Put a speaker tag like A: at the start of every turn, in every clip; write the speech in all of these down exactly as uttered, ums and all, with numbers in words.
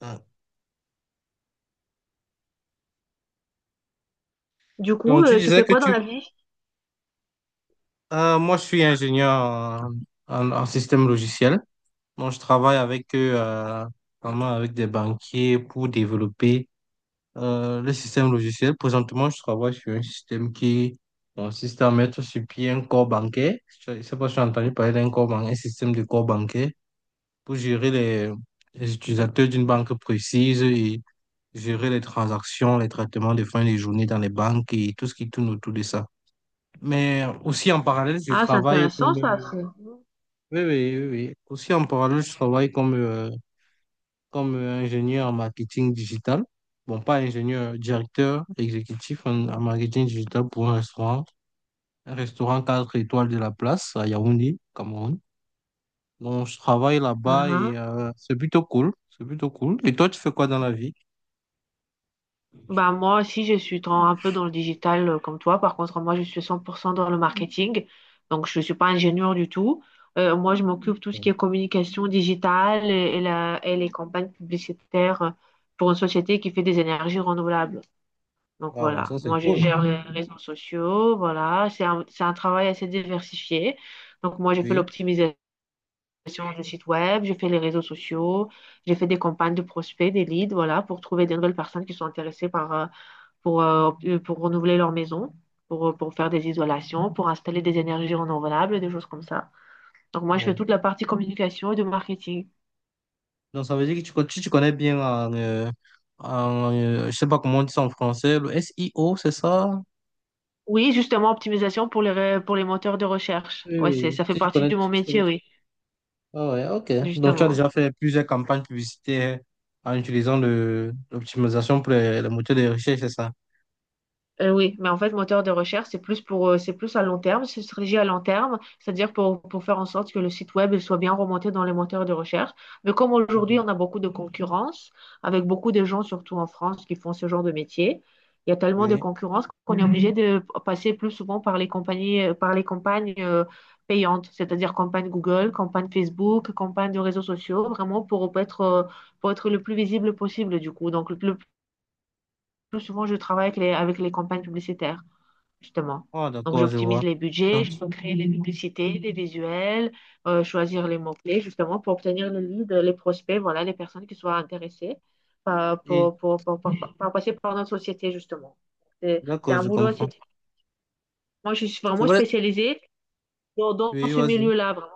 A: Ah.
B: Du coup,
A: Donc, tu
B: euh, tu
A: disais
B: fais
A: que
B: quoi dans
A: tu...
B: la vie?
A: Ah, moi, je suis ingénieur en, en- en système logiciel. Donc, je travaille avec eux, euh, vraiment avec des banquiers pour développer euh, le système logiciel. Présentement, je travaille sur un système qui consiste à mettre sur pied un corps bancaire. Je ne sais pas si tu as entendu parler d'un corps ban- un système de corps bancaire pour gérer les, les utilisateurs d'une banque précise et gérer les transactions, les traitements de fin de journée dans les banques et tout ce qui tourne autour de ça. Mais aussi en parallèle, je
B: Ah, c'est
A: travaille
B: intéressant
A: comme...
B: ça.
A: euh,
B: c'est-
A: Oui, oui, oui, oui. Aussi en parallèle, je travaille comme, euh, comme euh, ingénieur en marketing digital. Bon, pas ingénieur, directeur exécutif en, en marketing digital pour un restaurant. Un restaurant quatre étoiles de la place à Yaoundé, Cameroun. Donc, je travaille là-bas
B: Ah,
A: et
B: ah.
A: euh, c'est plutôt cool. C'est plutôt cool. Et toi, tu fais quoi dans la vie?
B: Bah moi aussi, je suis dans- un peu dans le digital euh, comme toi. Par contre, moi, je suis cent pour cent dans le marketing. Donc, je ne suis pas ingénieur du tout. Euh, moi, je m'occupe de tout ce qui est communication digitale et, et la- et les campagnes publicitaires euh, pour une société qui fait des énergies renouvelables. Donc,
A: Waouh,
B: voilà.
A: ça c'est
B: Moi, je
A: cool.
B: gère les réseaux sociaux. Voilà. C'est un, c'est un travail assez diversifié. Donc, moi, j'ai fait
A: Oui.
B: l'optimisation du site web, j'ai fait les réseaux sociaux, j'ai fait des campagnes de prospects, des leads, voilà, pour trouver des nouvelles personnes qui sont intéressées par... euh, pour, euh, pour renouveler leur maison, pour, euh, pour faire des isolations, pour installer des énergies renouvelables, des choses comme ça. Donc moi, je fais toute la partie communication et de marketing.
A: Donc, ça veut dire que tu, con- si tu connais bien en, euh, en, euh, je sais pas comment on dit ça en français, le S I O c'est ça?
B: Oui, justement, optimisation pour les, ré- pour les moteurs de recherche.
A: Oui,
B: Ouais, c'est,
A: oui.
B: ça fait
A: Si tu
B: partie
A: connais,
B: de
A: tu-
B: mon
A: tu connais-
B: métier, oui,
A: Ah ouais, ok. Donc, tu as
B: justement.
A: déjà fait plusieurs campagnes publicitaires en utilisant le, l'optimisation pour les, les moteurs de recherche, c'est ça?
B: Euh, oui, mais en fait, moteur de recherche, c'est plus pour, euh, c'est plus à long terme, c'est une stratégie à long terme, c'est-à-dire pour, pour faire en sorte que le site web il soit bien remonté dans les moteurs de recherche. Mais comme aujourd'hui,
A: Mhm.
B: on a beaucoup de concurrence, avec beaucoup de gens, surtout en France, qui font ce genre de métier, il y a tellement de
A: Oui.
B: concurrence qu'on est obligé. Mhm. De passer plus souvent par les compagnies, euh, par les campagnes euh, payantes, c'est-à-dire campagne Google, campagne Facebook, campagne de réseaux sociaux, vraiment pour être, euh, pour être le plus visible possible, du coup. Donc, le plus, le plus souvent, je travaille avec les, avec les campagnes publicitaires justement.
A: Ah,
B: Donc,
A: d'accord, je vois.
B: j'optimise les budgets,
A: Donc,
B: je peux créer les publicités, les visuels, euh, choisir les mots-clés, justement, pour obtenir les leads, les prospects, voilà, les personnes qui soient intéressées par,
A: et-
B: pour, pour, pour- pour- pour- pour passer par notre société, justement. C'est c'est
A: d'accord,
B: un
A: je
B: boulot
A: comprends.
B: assez... Moi, je suis
A: C'est
B: vraiment
A: vrai.
B: spécialisée dans, dans
A: Oui,
B: ce
A: vas-y.
B: milieu-là, vraiment.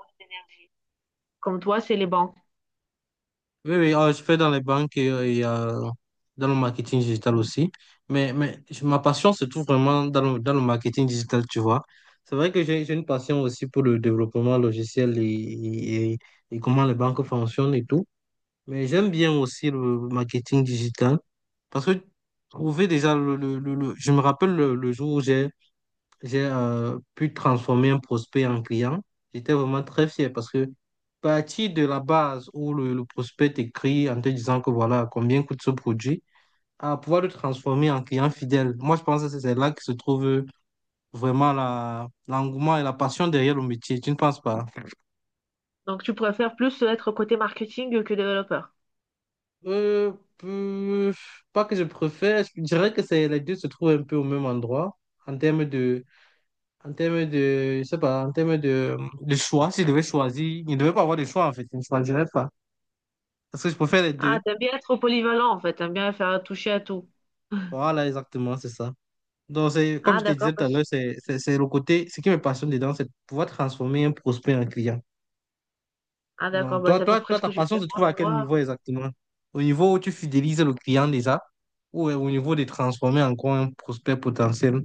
B: Comme toi, c'est les banques.
A: Oui, oui, euh, je fais dans les banques et, euh, et, euh, dans le marketing digital aussi. Mais, mais je- ma passion se trouve vraiment dans le, dans le marketing digital, tu vois. C'est vrai que j'ai j'ai une passion aussi pour le développement logiciel et, et, et- et comment les banques fonctionnent et tout. Mais j'aime bien aussi le marketing digital parce que trouver déjà le, le, le- le- je me rappelle le, le jour où j'ai j'ai euh, pu transformer un prospect en client. J'étais vraiment très fier parce que partir de la base où le, le prospect t'écrit en te disant que voilà combien coûte ce produit, à pouvoir le transformer en client fidèle. Moi, je pense que c'est c'est là que se trouve vraiment la, l'engouement et la passion derrière le métier. Tu ne penses pas?
B: Donc, tu préfères plus être côté marketing que développeur.
A: Euh, euh, Pas que je préfère, je dirais que c'est, les deux se trouvent un peu au même endroit en termes de En termes de, je sais pas, en termes de, de choix, si je devais choisir, il ne devait pas avoir de choix en fait, je ne choisirais pas. Parce que je préfère les
B: Ah,
A: deux.
B: t'aimes bien être polyvalent, en fait. T'aimes bien faire toucher à tout.
A: Voilà, exactement, c'est ça. Donc, c'est, comme
B: Ah,
A: je te
B: d'accord.
A: disais tout à
B: parce-
A: l'heure, c'est c'est- c'est le côté, ce qui me passionne dedans, c'est de pouvoir transformer un prospect en client.
B: Ah, d'accord.
A: Donc,
B: Bah,
A: toi,
B: c'est à peu
A: toi,
B: près
A: toi,
B: ce
A: ta
B: que je
A: passion
B: fais
A: se
B: moi,
A: trouve à
B: mais
A: quel
B: moi...
A: niveau exactement? Au niveau où tu fidélises le client déjà, ou au niveau de transformer encore un prospect potentiel,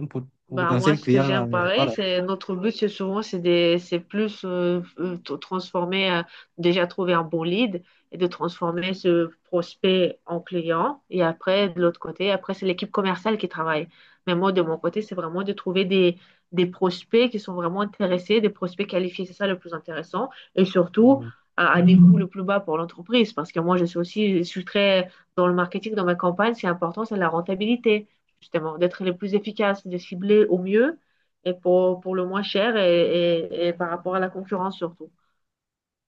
A: un pot-
B: Bah moi
A: potentiel
B: ce que
A: client,
B: j'aime
A: en, euh,
B: pareil
A: voilà.
B: c'est notre but c'est souvent c'est des c'est plus euh, euh, t- transformer euh, déjà trouver un bon lead et de transformer ce prospect en client et après de l'autre côté après c'est l'équipe commerciale qui travaille mais moi de mon côté c'est vraiment de trouver des des prospects qui sont vraiment intéressés, des prospects qualifiés, c'est ça le plus intéressant, et surtout
A: Mhm.
B: à, à des coûts le plus bas pour l'entreprise parce que moi je suis aussi, je suis très dans le marketing, dans ma campagne c'est important, c'est la rentabilité justement, d'être les plus efficaces, de cibler au mieux et pour, pour le moins cher et, et- et par rapport à la concurrence surtout.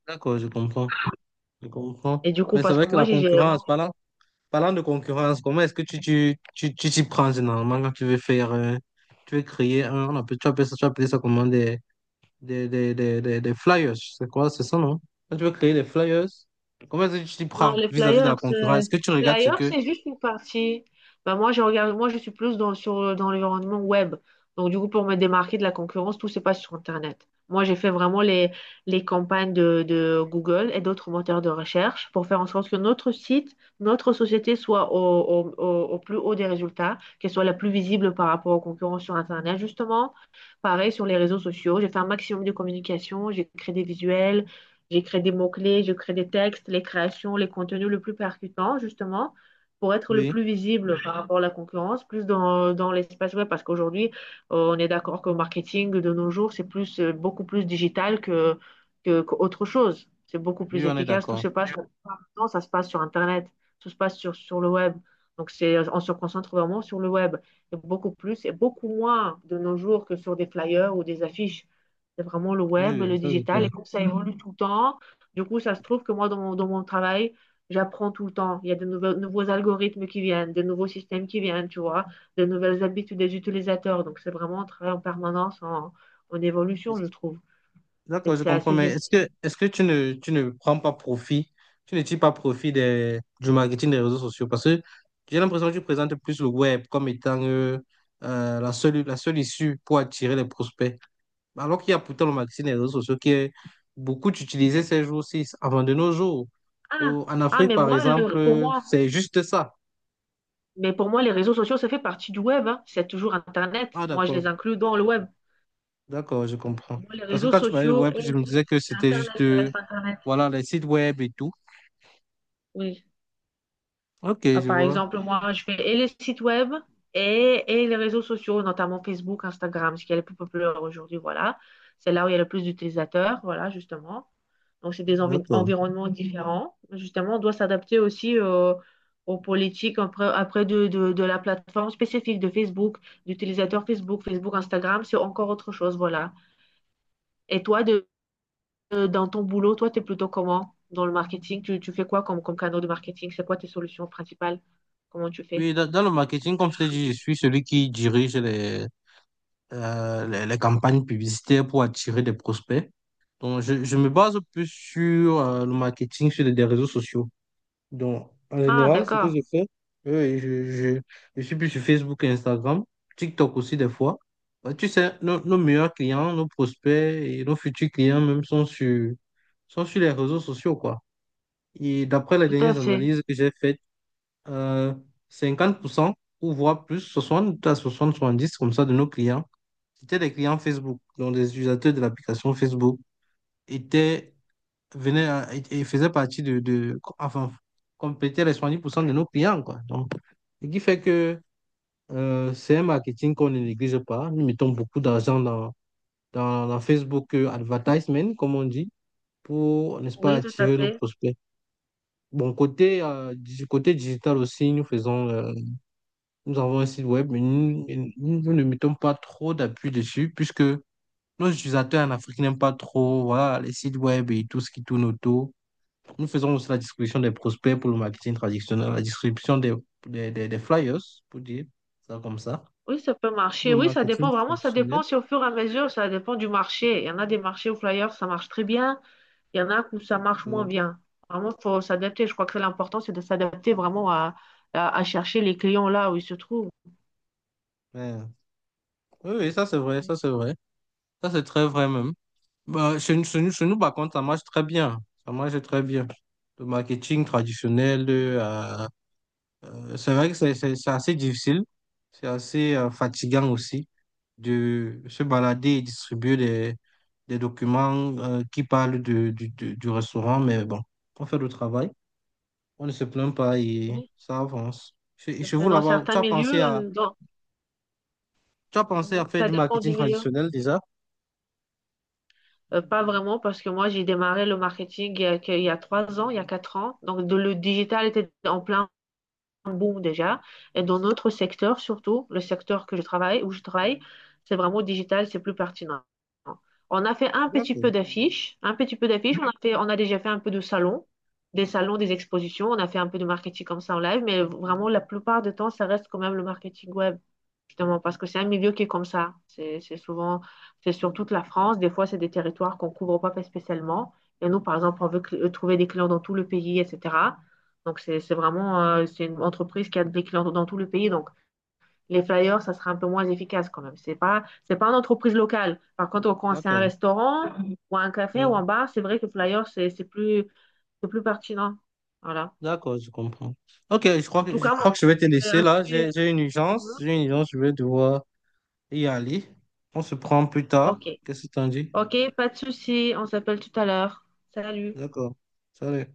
A: D'accord, je comprends. Je comprends.
B: Et du coup,
A: Mais c'est
B: parce que
A: vrai que
B: moi,
A: la
B: j'ai j'ai-
A: concurrence, parlant, parlant de concurrence, comment est-ce que tu tu, tu, tu t'y prends généralement quand tu veux faire, euh, tu veux créer un, on appelle, tu appelles ça, tu appelles ça comment des, des, des, des, des flyers, c'est quoi, c'est ça, non? Quand tu veux créer des flyers, comment est-ce que tu t'y
B: Non,
A: prends
B: les
A: vis-à-vis de
B: flyers,
A: la concurrence?
B: euh,
A: Est-ce que tu regardes ce
B: flyers,
A: que...
B: c'est juste une partie. Bah, moi, je regarde, moi, je suis plus dans, sur, dans l'environnement web. Donc, du coup, pour me démarquer de la concurrence, tout se passe sur Internet. Moi, j'ai fait vraiment les, les campagnes de, de Google et d'autres moteurs de recherche pour faire en sorte que notre site, notre société soit au, au, au- au plus haut des résultats, qu'elle soit la plus visible par rapport aux concurrents sur Internet, justement. Pareil sur les réseaux sociaux. J'ai fait un maximum de communication, j'ai créé des visuels. J'écris des mots-clés, je crée des textes, les créations, les contenus le plus percutants, justement, pour être le
A: Oui,
B: plus visible par rapport à la concurrence, plus dans, dans l'espace web, parce qu'aujourd'hui, euh, on est d'accord que le marketing de nos jours, c'est plus, euh, beaucoup plus digital que, que, qu'autre chose. C'est beaucoup plus
A: oui, on est
B: efficace. Tout
A: d'accord.
B: se passe maintenant, ça se passe sur Internet, tout se passe sur, sur le web. Donc, c'est, on se concentre vraiment sur le web. Et beaucoup plus et beaucoup moins de nos jours que sur des flyers ou des affiches. C'est vraiment le
A: Oui,
B: web,
A: oui,
B: le
A: ça c'est
B: digital,
A: clair.
B: et comme ça évolue tout le temps, du coup, ça se trouve que moi, dans mon, dans mon travail, j'apprends tout le temps. Il y a de nouveaux, nouveaux algorithmes qui viennent, de nouveaux systèmes qui viennent, tu vois, de nouvelles habitudes des utilisateurs. Donc, c'est vraiment un travail en permanence, en, en évolution, je
A: Est-ce
B: trouve.
A: D'accord,
B: Et
A: je
B: c'est
A: comprends,
B: assez
A: mais est-ce
B: dynamique.
A: que, est-ce que tu ne, tu ne prends pas profit, tu ne tires pas profit des, du marketing des réseaux sociaux? Parce que j'ai l'impression que tu présentes plus le web comme étant euh, euh, la seule, la seule issue pour attirer les prospects. Alors qu'il y a pourtant le marketing des réseaux sociaux qui est beaucoup utilisé ces jours-ci, avant de nos jours.
B: Ah,
A: Au- en
B: ah,
A: Afrique,
B: mais
A: par
B: moi,
A: exemple,
B: le- pour
A: euh,
B: moi,
A: c'est juste ça.
B: mais pour moi, les réseaux sociaux, ça fait partie du web, hein. C'est toujours Internet.
A: Ah,
B: Moi, je
A: d'accord,
B: les inclus dans le web.
A: d'accord, je comprends.
B: Pour moi, les
A: Parce que
B: réseaux
A: quand tu parlais de
B: sociaux
A: web,
B: et
A: je me
B: le web,
A: disais que
B: c'est
A: c'était juste,
B: Internet, ça
A: euh,
B: reste Internet.
A: voilà, les sites web et tout.
B: Oui.
A: Ok,
B: Euh,
A: je
B: Par
A: vois.
B: exemple, moi, je fais et les sites web et, et les réseaux sociaux, notamment Facebook, Instagram, ce qui est le plus populaire aujourd'hui, voilà. C'est là où il y a le plus d'utilisateurs, voilà, justement. Donc, c'est des envi-
A: D'accord.
B: environnements différents. Justement, on doit s'adapter aussi euh, aux politiques après, après de, de, de la plateforme spécifique de Facebook, d'utilisateur Facebook, Facebook, Instagram, c'est encore autre chose, voilà. Et toi, de, de- dans ton boulot, toi, tu es plutôt comment dans le marketing? Tu, tu fais quoi comme, comme canal de marketing? C'est quoi tes solutions principales? Comment tu fais?
A: Oui, dans, dans le marketing, comme je t'ai dit, je suis celui qui dirige les, euh, les, les campagnes publicitaires pour attirer des prospects. Donc, je, je me base plus sur euh, le marketing, sur les, des réseaux sociaux. Donc, en
B: Ah,
A: général, ce que
B: d'accord,
A: je fais, euh, je, je, je suis plus sur Facebook et Instagram, TikTok aussi des fois. Bah, tu sais, nos, nos meilleurs clients, nos prospects et nos futurs clients même sont sur, sont sur les réseaux sociaux, quoi. Et d'après les
B: tout à
A: dernières
B: fait.
A: analyses que j'ai faites, euh, cinquante pour cent ou voire plus, soixante à soixante soixante dix comme ça de nos clients, c'était des clients Facebook, donc des utilisateurs de l'application Facebook, étaient, venaient à- et et faisaient partie de, de enfin, complétaient les soixante dix pour cent de nos clients, quoi. Donc, ce qui fait que euh, c'est un marketing qu'on ne néglige pas. Nous mettons beaucoup d'argent dans, dans, dans Facebook euh, Advertisement, comme on dit, pour, n'est-ce pas,
B: Oui, tout à
A: attirer nos
B: fait.
A: prospects. Bon, côté, euh, digi- côté digital aussi, nous faisons. euh, Nous avons un site web, mais nous, nous- nous ne mettons pas trop d'appui dessus puisque nos utilisateurs en Afrique n'aiment pas trop, voilà, les sites web et tout ce qui tourne autour. Nous faisons aussi la distribution des prospects pour le marketing traditionnel, la distribution des, des, des- des flyers, pour dire ça comme ça,
B: Oui, ça peut
A: pour
B: marcher.
A: le
B: Oui, ça
A: marketing
B: dépend vraiment, ça
A: traditionnel.
B: dépend si au fur et à mesure, ça dépend du marché. Il y en a des marchés où flyers, ça marche très bien. Il y en a où ça marche moins
A: Non.
B: bien. Vraiment, il faut s'adapter. Je crois que l'important, c'est de s'adapter vraiment à, à, à chercher les clients là où ils se trouvent.
A: Mais, oui, oui, ça c'est vrai, ça c'est vrai. Ça c'est très vrai même. Bah, chez, nous, chez nous, chez nous, par contre, ça marche très bien. Ça marche très bien. Le marketing traditionnel, euh, Euh, c'est vrai que c'est c'est- c'est assez difficile, c'est assez euh, fatigant aussi de se balader et distribuer des, des documents euh, qui parlent de, du, du- du restaurant, mais bon, on fait le travail, on ne se plaint pas et
B: Oui,
A: ça avance. Chez,
B: tout à
A: chez vous
B: fait. Dans
A: là-bas, tu
B: certains
A: as pensé
B: milieux,
A: à
B: euh, dans...
A: tu as pensé à
B: Mhm.
A: faire
B: Ça
A: du
B: dépend
A: marketing
B: du milieu.
A: traditionnel déjà?
B: Euh, pas vraiment, parce que moi, j'ai démarré le marketing il y a, que- il y a trois ans, il y a quatre ans. Donc, de- le digital était en plein bon déjà. Et dans notre secteur, surtout, le secteur que je travaille, où je travaille, c'est vraiment digital, c'est plus pertinent. On a fait un petit
A: D'accord,
B: peu d'affiches, un petit peu d'affiches, on a fait, on a déjà fait un peu de salons, des salons, des expositions, on a fait un peu de marketing comme ça en live, mais vraiment la plupart du temps, ça reste quand même le marketing web, justement, parce que c'est un milieu qui est comme ça. C'est, c'est souvent, c'est sur toute la France, des fois, c'est des territoires qu'on couvre pas spécialement. Et nous, par exemple, on veut cl- trouver des clients dans tout le pays, et cetera. Donc, c'est c'est vraiment euh, c'est une entreprise qui a des clients dans tout le pays. Donc, les flyers, ça sera un peu moins efficace quand même. C'est pas, c'est pas une entreprise locale. Par contre, quand c'est un
A: d'accord.
B: restaurant ou un café ou
A: Hmm,
B: un bar, c'est vrai que flyers, c'est c'est plus, c'est plus pertinent. Voilà.
A: D'accord, je comprends. Ok, je crois
B: En
A: que
B: tout
A: je
B: cas, moi,
A: crois que
B: je
A: je vais
B: pense
A: te
B: que c'est
A: laisser
B: un
A: là. J'ai
B: sujet.
A: j'ai une urgence,
B: Mhm.
A: j'ai une urgence, je vais devoir y aller. On se prend plus tard.
B: OK.
A: Qu'est-ce que t'en dis?
B: OK, pas de souci. On s'appelle tout à l'heure. Salut.
A: D'accord. Salut.